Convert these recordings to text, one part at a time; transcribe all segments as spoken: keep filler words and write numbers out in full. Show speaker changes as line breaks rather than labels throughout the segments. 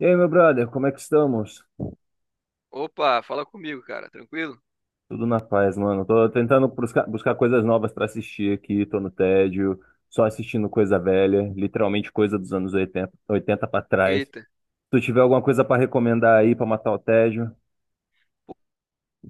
E aí, meu brother, como é que estamos?
Opa, fala comigo, cara, tranquilo?
Tudo na paz, mano. Tô tentando buscar, buscar coisas novas pra assistir aqui, tô no tédio, só assistindo coisa velha, literalmente coisa dos anos oitenta oitenta para trás. Se
Eita.
tu tiver alguma coisa pra recomendar aí pra matar o tédio.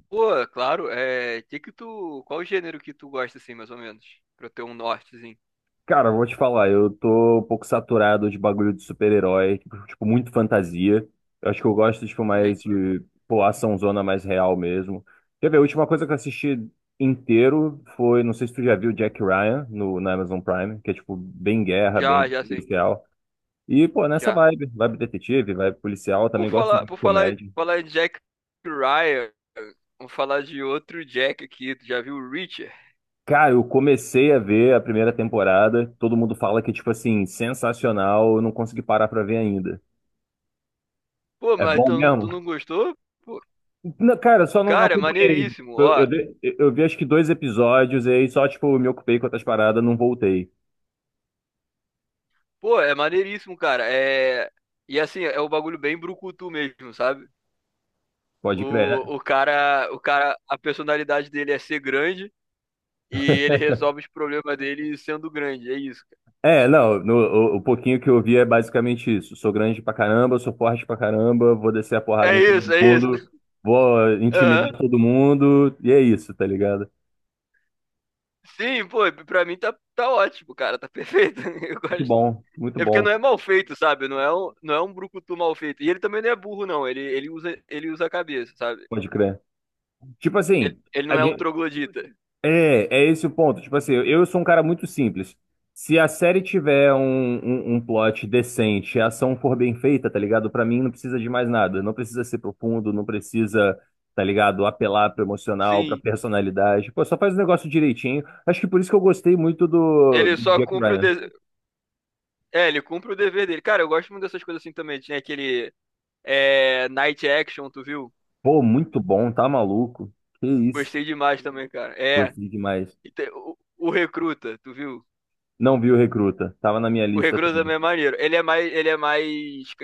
Pô, claro, é. Que que tu. Qual o gênero que tu gosta, assim, mais ou menos? Pra eu ter um nortezinho.
Cara, eu vou te falar, eu tô um pouco saturado de bagulho de super-herói, tipo, tipo, muito fantasia. Eu acho que eu gosto, tipo,
Nem.
mais de, pô, açãozona mais real mesmo. Quer ver, a última coisa que eu assisti inteiro foi, não sei se tu já viu Jack Ryan no, na Amazon Prime, que é, tipo, bem guerra,
Já,
bem
já sei.
policial. E, pô, nessa
Já.
vibe, vibe detetive, vibe policial, eu também
Por
gosto
falar,
de
por falar,
comédia.
falar de Jack Ryan, vamos falar de outro Jack aqui. Tu já viu o Richard?
Cara, eu comecei a ver a primeira temporada, todo mundo fala que, tipo assim, sensacional, eu não consegui parar pra ver ainda.
Pô,
É
mas
bom
tu,
mesmo?
tu não gostou? Pô,
Não, cara, eu só não, não
cara, é
acompanhei. Tipo,
maneiríssimo,
Eu,
ó.
eu, dei- eu eu vi acho que dois episódios e aí só, tipo, me ocupei com outras paradas, não voltei.
Pô, é maneiríssimo, cara. É. E assim, é um bagulho bem brucutu mesmo, sabe?
Pode crer.
O, o cara, o cara, a personalidade dele é ser grande. E ele resolve os problemas dele sendo grande, é isso,
É, é, não, no- o, o pouquinho que eu vi é basicamente isso. Sou grande pra caramba, sou forte pra caramba, vou descer a porrada
cara.
em
É isso,
todo
é isso.
mundo, vou intimidar
Aham.
todo mundo, e é isso, tá ligado?
Sim, pô, pra mim tá, tá ótimo, cara, tá perfeito. Eu
Muito
gosto.
bom, muito
É porque
bom,
não é mal feito, sabe? Não é um, não é um brucutu mal feito. E ele também não é burro, não. Ele, ele, usa, ele usa a cabeça, sabe?
pode crer. Tipo
Ele,
assim,
ele
a
não é um
gen-
troglodita.
É, é esse o ponto. Tipo assim, eu eu sou um cara muito simples. Se a série tiver um, um, um plot decente, a ação for bem feita, tá ligado? Pra mim não precisa de mais nada. Não precisa ser profundo, não precisa, tá ligado? Apelar pro emocional, pra
Sim.
personalidade. Pô, só faz o negócio direitinho. Acho que por isso que eu gostei muito do,
Ele
do
só
Jack
cumpre o
Ryan.
dever. É, ele cumpre o dever dele. Cara, eu gosto muito dessas coisas assim também. Tinha aquele é, Night Action, tu viu?
Pô, muito bom, tá maluco? Que isso.
Gostei demais também, cara. É.
Gostei demais.
E tem o, o Recruta, tu viu?
Não vi o Recruta. Tava na minha
O
lista
Recruta
também.
também é maneiro. Ele é mais, ele é mais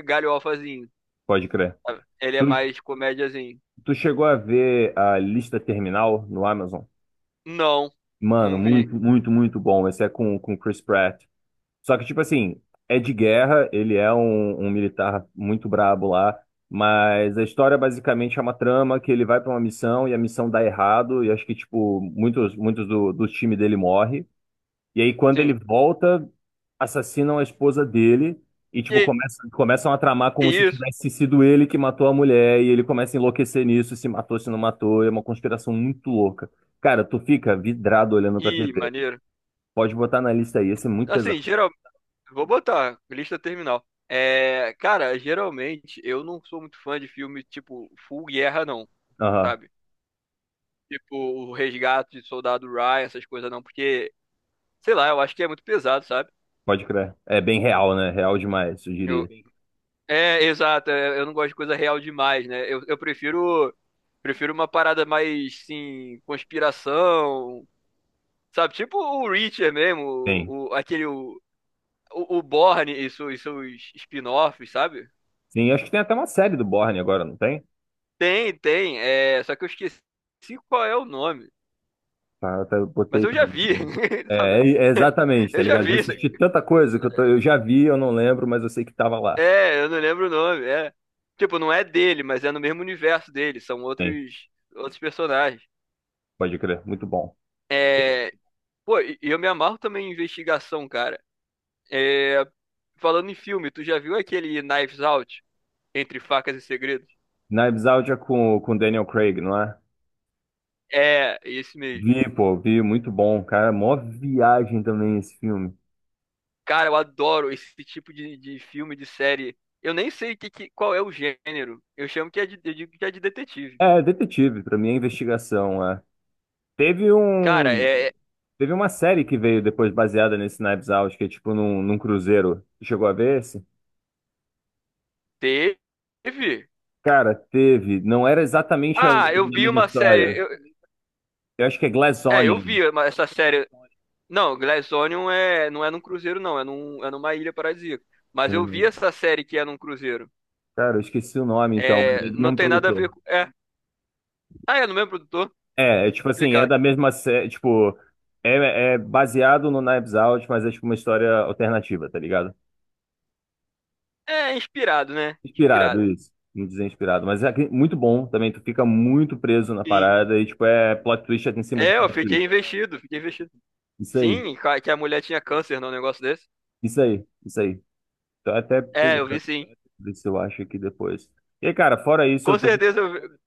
galhofazinho.
Pode crer.
Ele é
Tu,
mais comédiazinho.
tu chegou a ver a lista terminal no Amazon?
Não,
Mano,
não vi.
muito, muito, muito bom. Esse é com, com o Chris Pratt. Só que, tipo assim, é de guerra, ele é um, um militar muito brabo lá, mas a história basicamente é uma trama que ele vai pra uma missão e a missão dá errado, e acho que, tipo, muitos, muitos do, do time dele morre. E aí, quando ele
Sim.
volta, assassinam a esposa dele e, tipo,
E,
começam, começam a tramar como se
e isso.
tivesse sido ele que matou a mulher, e ele começa a enlouquecer nisso, se matou, se não matou, é uma conspiração muito louca. Cara, tu fica vidrado olhando pra
Ih,
T V.
maneiro.
Pode botar na lista aí, esse é muito pesado.
Assim, geral, vou botar lista terminal. É, cara, geralmente eu não sou muito fã de filme tipo full guerra não,
Aham,
sabe? Tipo o Resgate de Soldado Ryan, essas coisas não, porque sei lá, eu acho que é muito pesado, sabe?
pode crer. É bem real, né? Real demais, eu
Eu,
diria.
É, exato. é, Eu não gosto de coisa real demais, né? Eu, eu prefiro prefiro uma parada mais, sim, conspiração, sabe? Tipo o Reacher mesmo,
Tem.
o, o- aquele o, o, o Bourne e, seus e seus spin-offs, sabe?
Sim, acho que tem até uma série do Bourne agora, não tem?
Tem, tem. É, só que eu esqueci qual é o nome.
Tá, até eu
Mas
botei
eu
pra
já
ver.
vi, sabe?
É, é exatamente, tá
Eu já
ligado? Já
vi. Isso.
assisti tanta coisa que eu, tô- eu já vi, eu não lembro, mas eu sei que tava lá.
É, eu não lembro o nome. É. Tipo, não é dele, mas é no mesmo universo dele. São
Sim,
outros outros personagens.
pode crer, muito bom.
É, pô, e e eu me amarro também em investigação, cara. É, falando em filme, tu já viu aquele Knives Out? Entre facas e segredos?
Knives Out é com, com Daniel Craig, não é?
É, esse mesmo.
Vi, pô, vi, muito bom, cara. Mó viagem também esse filme.
Cara, eu adoro esse tipo de, de filme, de série. Eu nem sei que, que- qual é o gênero. Eu chamo que é de, eu digo que é de detetive.
É, detetive, pra mim é investigação, é. Teve
Cara,
um.
é, é-
Teve uma série que veio depois baseada nesse Knives Out, que é tipo num, num cruzeiro. Tu chegou a ver esse?
teve.
Cara, teve. Não era exatamente a, a
Ah, eu vi
mesma
uma série.
história.
Eu-
Eu acho que é Glass
é, eu
Onion.
vi uma- essa série. Não, Glassonion é, não é num cruzeiro, não. É, num, é numa ilha paradisíaca. Mas
Se não
eu vi essa série que é num cruzeiro.
Cara, eu esqueci o nome então, mas é
É,
do
não
mesmo
tem nada a ver
produtor.
com. É. Ah, é no mesmo produtor?
É, é tipo assim, é
Explicado.
da mesma série. Tipo, é, é baseado no Knives Out, mas é tipo uma história alternativa, tá ligado?
É, inspirado, né?
Inspirado,
Inspirado.
isso. Não dizer inspirado, mas é que- muito bom também. Tu fica muito preso na
Sim.
parada e, tipo, é plot twist é em cima de
É, eu
plot
fiquei
twist.
investido, fiquei investido.
Isso aí,
Sim, ca- que a mulher tinha câncer num negócio desse.
isso aí, isso aí. Tô até
É, eu vi
pegando,
sim.
ver se eu acho aqui depois. E aí, cara, fora isso,
Com
eu tô.
certeza eu vi.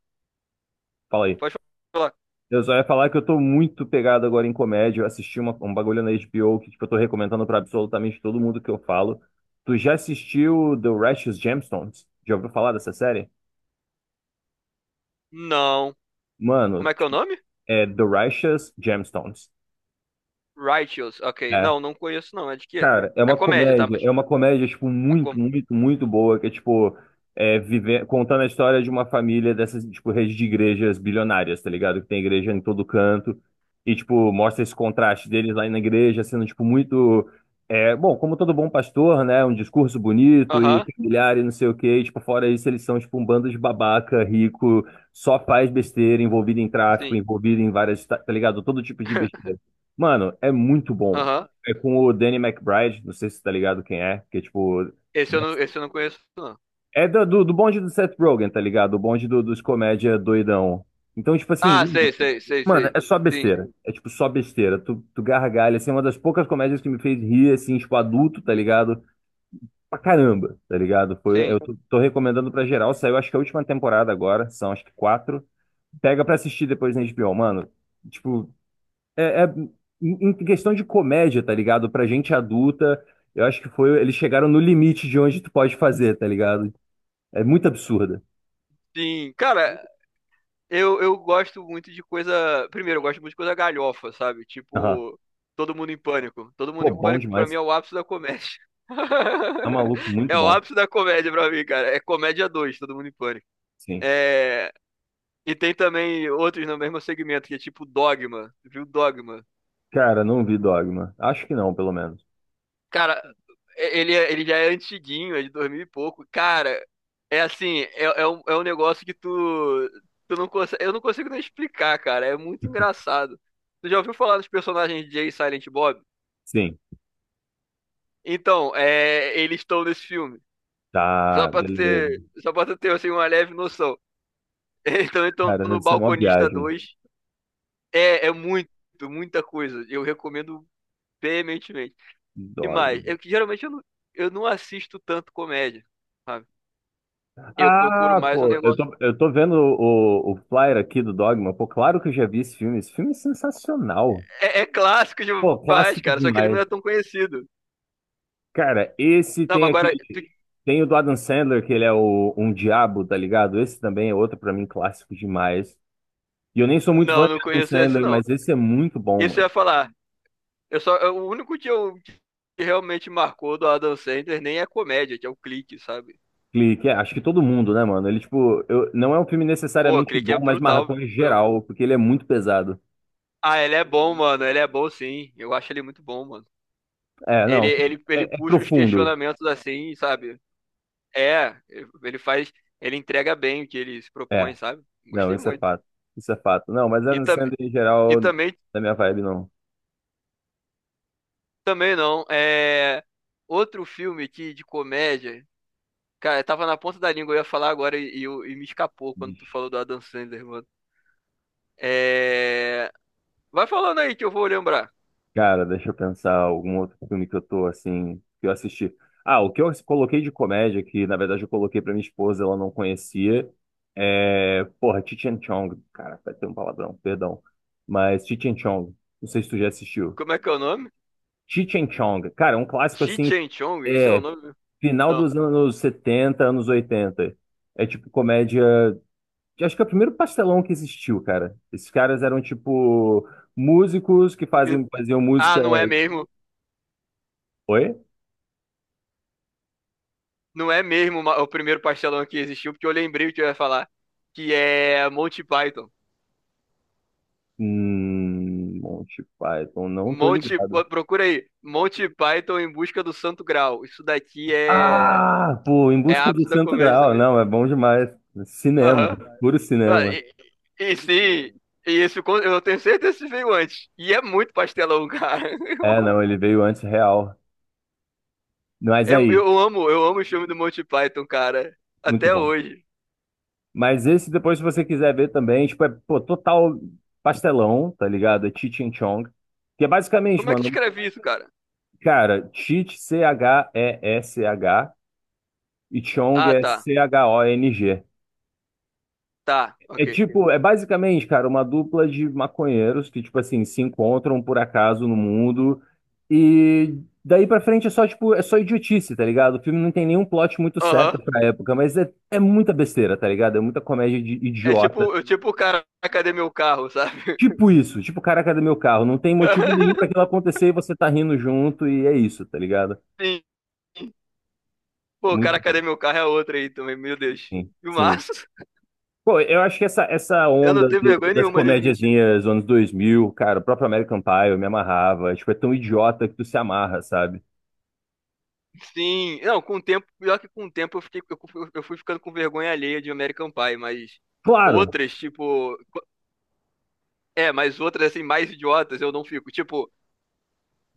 Fala aí.
Pode falar.
Eu só ia falar que eu tô muito pegado agora em comédia. Eu assisti uma- um bagulho na H B O que, tipo, eu tô recomendando pra absolutamente todo mundo que eu falo. Tu já assistiu The Righteous Gemstones? Já ouviu falar dessa série?
Não.
Mano,
Como é que é o
tipo,
nome?
é The Righteous Gemstones.
Righteous. Ok.
É.
Não, não conheço não. É de quê?
Cara, é
É
uma
comédia, tá?
comédia,
Mas.
é uma comédia, tipo,
É com...
muito, muito, muito boa, que é, tipo, é, vive- contando a história de uma família dessas, tipo, redes de igrejas bilionárias, tá ligado? Que tem igreja em todo canto, e, tipo, mostra esse contraste deles lá na igreja, sendo, tipo, muito, é, bom, como todo bom pastor, né, um discurso bonito e
Aham,
familiar e não sei o quê, e, tipo, fora isso, eles são, tipo, um bando de babaca, rico, só faz besteira, envolvido em tráfico,
sim.
envolvido em várias, tá tá ligado? Todo tipo de besteira. Mano, é muito bom.
Aham.
É com o Danny McBride, não sei se você tá ligado quem é, que é tipo.
Esse eu não, esse eu não conheço, não.
É da- do, do bonde do Seth Rogen, tá ligado? O bonde do- dos comédia doidão. Então, tipo
Ah,
assim,
sei, sei, sei,
mano,
sei.
é só
Sim,
besteira. É tipo só besteira. Tu, tu gargalha, assim, é uma das poucas comédias que me fez rir, assim, tipo, adulto, tá ligado? Pra caramba, tá ligado? Foi,
sim,
eu tô, tô recomendando pra geral. Saiu, acho que a última temporada agora, são acho que quatro. Pega pra assistir depois na H B O, mano. Tipo, é, é- em em questão de comédia, tá ligado? Pra gente adulta, eu acho que foi. Eles chegaram no limite de onde tu pode fazer, tá ligado? É muito absurda.
sim. Cara, Eu, eu gosto muito de coisa. Primeiro, eu gosto muito de coisa galhofa, sabe?
Aham.
Tipo, Todo Mundo em Pânico. Todo Mundo
Pô,
em
bom
Pânico, pra mim,
demais.
é o ápice da comédia.
Tá maluco, muito
É o
bom.
ápice da comédia pra mim, cara. É comédia dois Todo Mundo em Pânico.
Sim.
É... E tem também outros no mesmo segmento, que é tipo Dogma. Viu Dogma?
Cara, não vi Dogma. Acho que não, pelo menos.
Cara, ele, é- ele já é antiguinho, é de dois mil e pouco. Cara, é assim, é, é um, é um negócio que tu, tu não consegue, eu não consigo nem explicar, cara. É muito engraçado. Tu já ouviu falar dos personagens Jay e Silent Bob?
Sim.
Então, é, eles estão nesse filme. Só
Tá,
pra tu
beleza.
ter, só pra tu ter assim, uma leve noção. Então, então
Cara,
no
deve ser uma
Balconista
viagem.
dois É, é muito, muita coisa. Eu recomendo veementemente. E mais,
Dogma.
é que geralmente eu não, eu não assisto tanto comédia. Sabe? Eu procuro
Ah,
mais um
pô, eu
negócio.
tô, eu tô vendo o, o, o flyer aqui do Dogma. Pô, claro que eu já vi esse filme. Esse filme é sensacional.
É, é clássico
Pô,
demais,
clássico
cara, só que ele não
demais.
é tão conhecido.
Cara, esse
Não, mas
tem
agora. tu-
aquele. Tem o do Adam Sandler, que ele é o, um diabo, tá ligado? Esse também é outro, pra mim, clássico demais. E eu nem sou muito fã
Não,
de
não
Adam
conheço esse,
Sandler,
não.
mas esse é muito bom,
Isso eu
mano.
ia falar. Eu só, eu- o único que eu que realmente marcou do Adam Sandler nem é comédia, que é o Clique, sabe?
Clique, é- acho que todo mundo, né, mano? Ele, tipo, eu, não é um filme
Pô,
necessariamente
Clique é
bom, mas
brutal
marcou em
mesmo.
geral, porque ele é muito pesado.
Ah, ele é bom, mano. Ele é bom, sim. Eu acho ele muito bom, mano.
É,
Ele,
não,
ele,
é,
ele
é
puxa os
profundo.
questionamentos assim, sabe? É, ele faz. Ele entrega bem o que ele se propõe,
É,
sabe?
não,
Gostei
isso é
muito.
fato. Isso é fato. Não, mas
E,
Adam
tam,
Sandler em
e
geral,
também
da minha vibe, não.
Também não. É outro filme que de comédia. Cara, tava na ponta da língua, eu ia falar agora e, e eu- e me escapou quando tu falou do Adam Sandler, mano. É... Vai falando aí que eu vou lembrar.
Cara, deixa eu pensar algum outro filme que eu tô assim, que eu assisti. Ah, o que eu coloquei de comédia, que na verdade eu coloquei pra minha esposa, ela não conhecia, é. Porra, Cheech and Chong. Cara, vai ter um palavrão, perdão. Mas Cheech and Chong. Não sei se tu já assistiu.
Como é que é o nome?
Cheech and Chong. Cara, é um clássico
Chi
assim,
Chen Chong? Esse é o
é.
nome?
Final
Não.
dos anos setenta, anos oitenta. É tipo comédia. Acho que é o primeiro pastelão que existiu, cara. Esses caras eram tipo músicos que
Me-
fazem, faziam música.
Ah, não é mesmo.
Oi?
Não é mesmo ma- o primeiro pastelão que existiu, porque eu lembrei o que eu ia falar. Que é Monty Python.
Hum, Monty Python, não tô
Monty,
ligado.
pô, procura aí. Monty Python em busca do Santo Graal. Isso daqui é,
Ah, pô, Em
é
Busca do
ápice da
Santo
comédia
Graal,
também.
não, é bom demais. Cinema,
Aham.
puro
Ah,
cinema.
E, e sim, e esse, con- eu tenho certeza que veio antes. E é muito pastelão, cara.
É, não, ele veio antes real. Mas
Eu, amo- é-
aí,
eu amo, eu amo o filme do Monty Python, cara.
muito
Até
bom.
hoje.
Mas esse depois, se você quiser ver também, tipo, é, pô, total pastelão, tá ligado? É Cheech and Chong. Que é basicamente,
Como é que
mano,
escreve isso, cara?
cara, Cheech, C H E S H, e S H, e Chong
Ah,
é
tá.
C H O N G.
Tá,
É
ok.
tipo, é basicamente, cara, uma dupla de maconheiros que, tipo assim, se encontram por acaso no mundo e daí pra frente é só, tipo, é só idiotice, tá ligado? O filme não tem nenhum plot muito certo
Aham.
pra época, mas é, é muita besteira, tá ligado? É muita comédia de
É
idiota.
tipo, eu, tipo, cara, cadê meu carro, sabe?
Tipo isso, tipo, caraca do meu carro, não tem motivo nenhum pra aquilo acontecer e você tá rindo junto e é isso, tá ligado?
Sim. Pô,
Muito
cara, cadê meu carro é outra aí também, meu Deus.
sim,
E O
sim.
Filmaço.
Pô, eu acho que essa, essa
Eu não
onda
tenho
do-
vergonha
das
nenhuma de admitir.
comédiazinhas dos anos dois mil cara, o próprio American Pie, eu me amarrava. Tipo, é tão idiota que tu se amarra, sabe?
Sim, não, com o tempo, pior que com o tempo eu fiquei, eu fui eu fui ficando com vergonha alheia de American Pie, mas
Claro,
outras, tipo, é, mas outras assim, mais idiotas eu não fico. Tipo,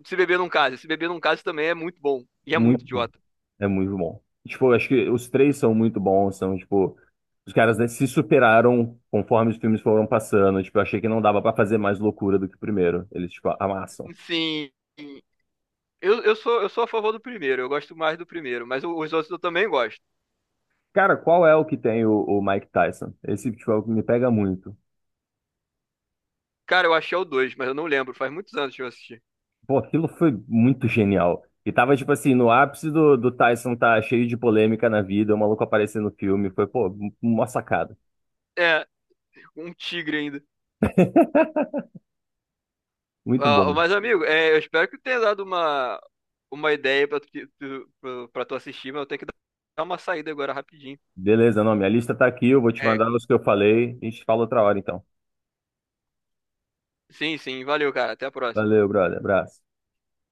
se beber num caso, se beber num caso também é muito bom e é muito
muito bom.
idiota.
É muito bom. Tipo, eu acho que os três são muito bons, são, tipo, os caras, né, se superaram conforme os filmes foram passando. Tipo, eu achei que não dava pra fazer mais loucura do que o primeiro. Eles, tipo, amassam.
Sim, eu, eu sou, eu sou a favor do primeiro, eu gosto mais do primeiro, mas o- os outros eu também gosto.
Cara, qual é o que tem o, o Mike Tyson? Esse, tipo, é o que me pega muito.
Cara, eu achei o dois, mas eu não lembro, faz muitos anos que eu assisti.
Pô, aquilo foi muito genial. E tava, tipo assim, no ápice do, do Tyson tá cheio de polêmica na vida, o maluco aparecer no filme. Foi, pô, uma sacada.
É, um tigre ainda.
Muito
Ah,
bom.
mas, amigo, é, eu espero que tenha dado uma, uma, ideia pra tu, que- tu- pro- pra tu assistir, mas eu tenho que dar uma saída agora rapidinho.
Beleza, não, minha lista tá aqui, eu vou te
É,
mandar os que eu falei. A gente fala outra hora, então.
sim, sim, valeu, cara. Até a próxima.
Valeu, brother. Abraço.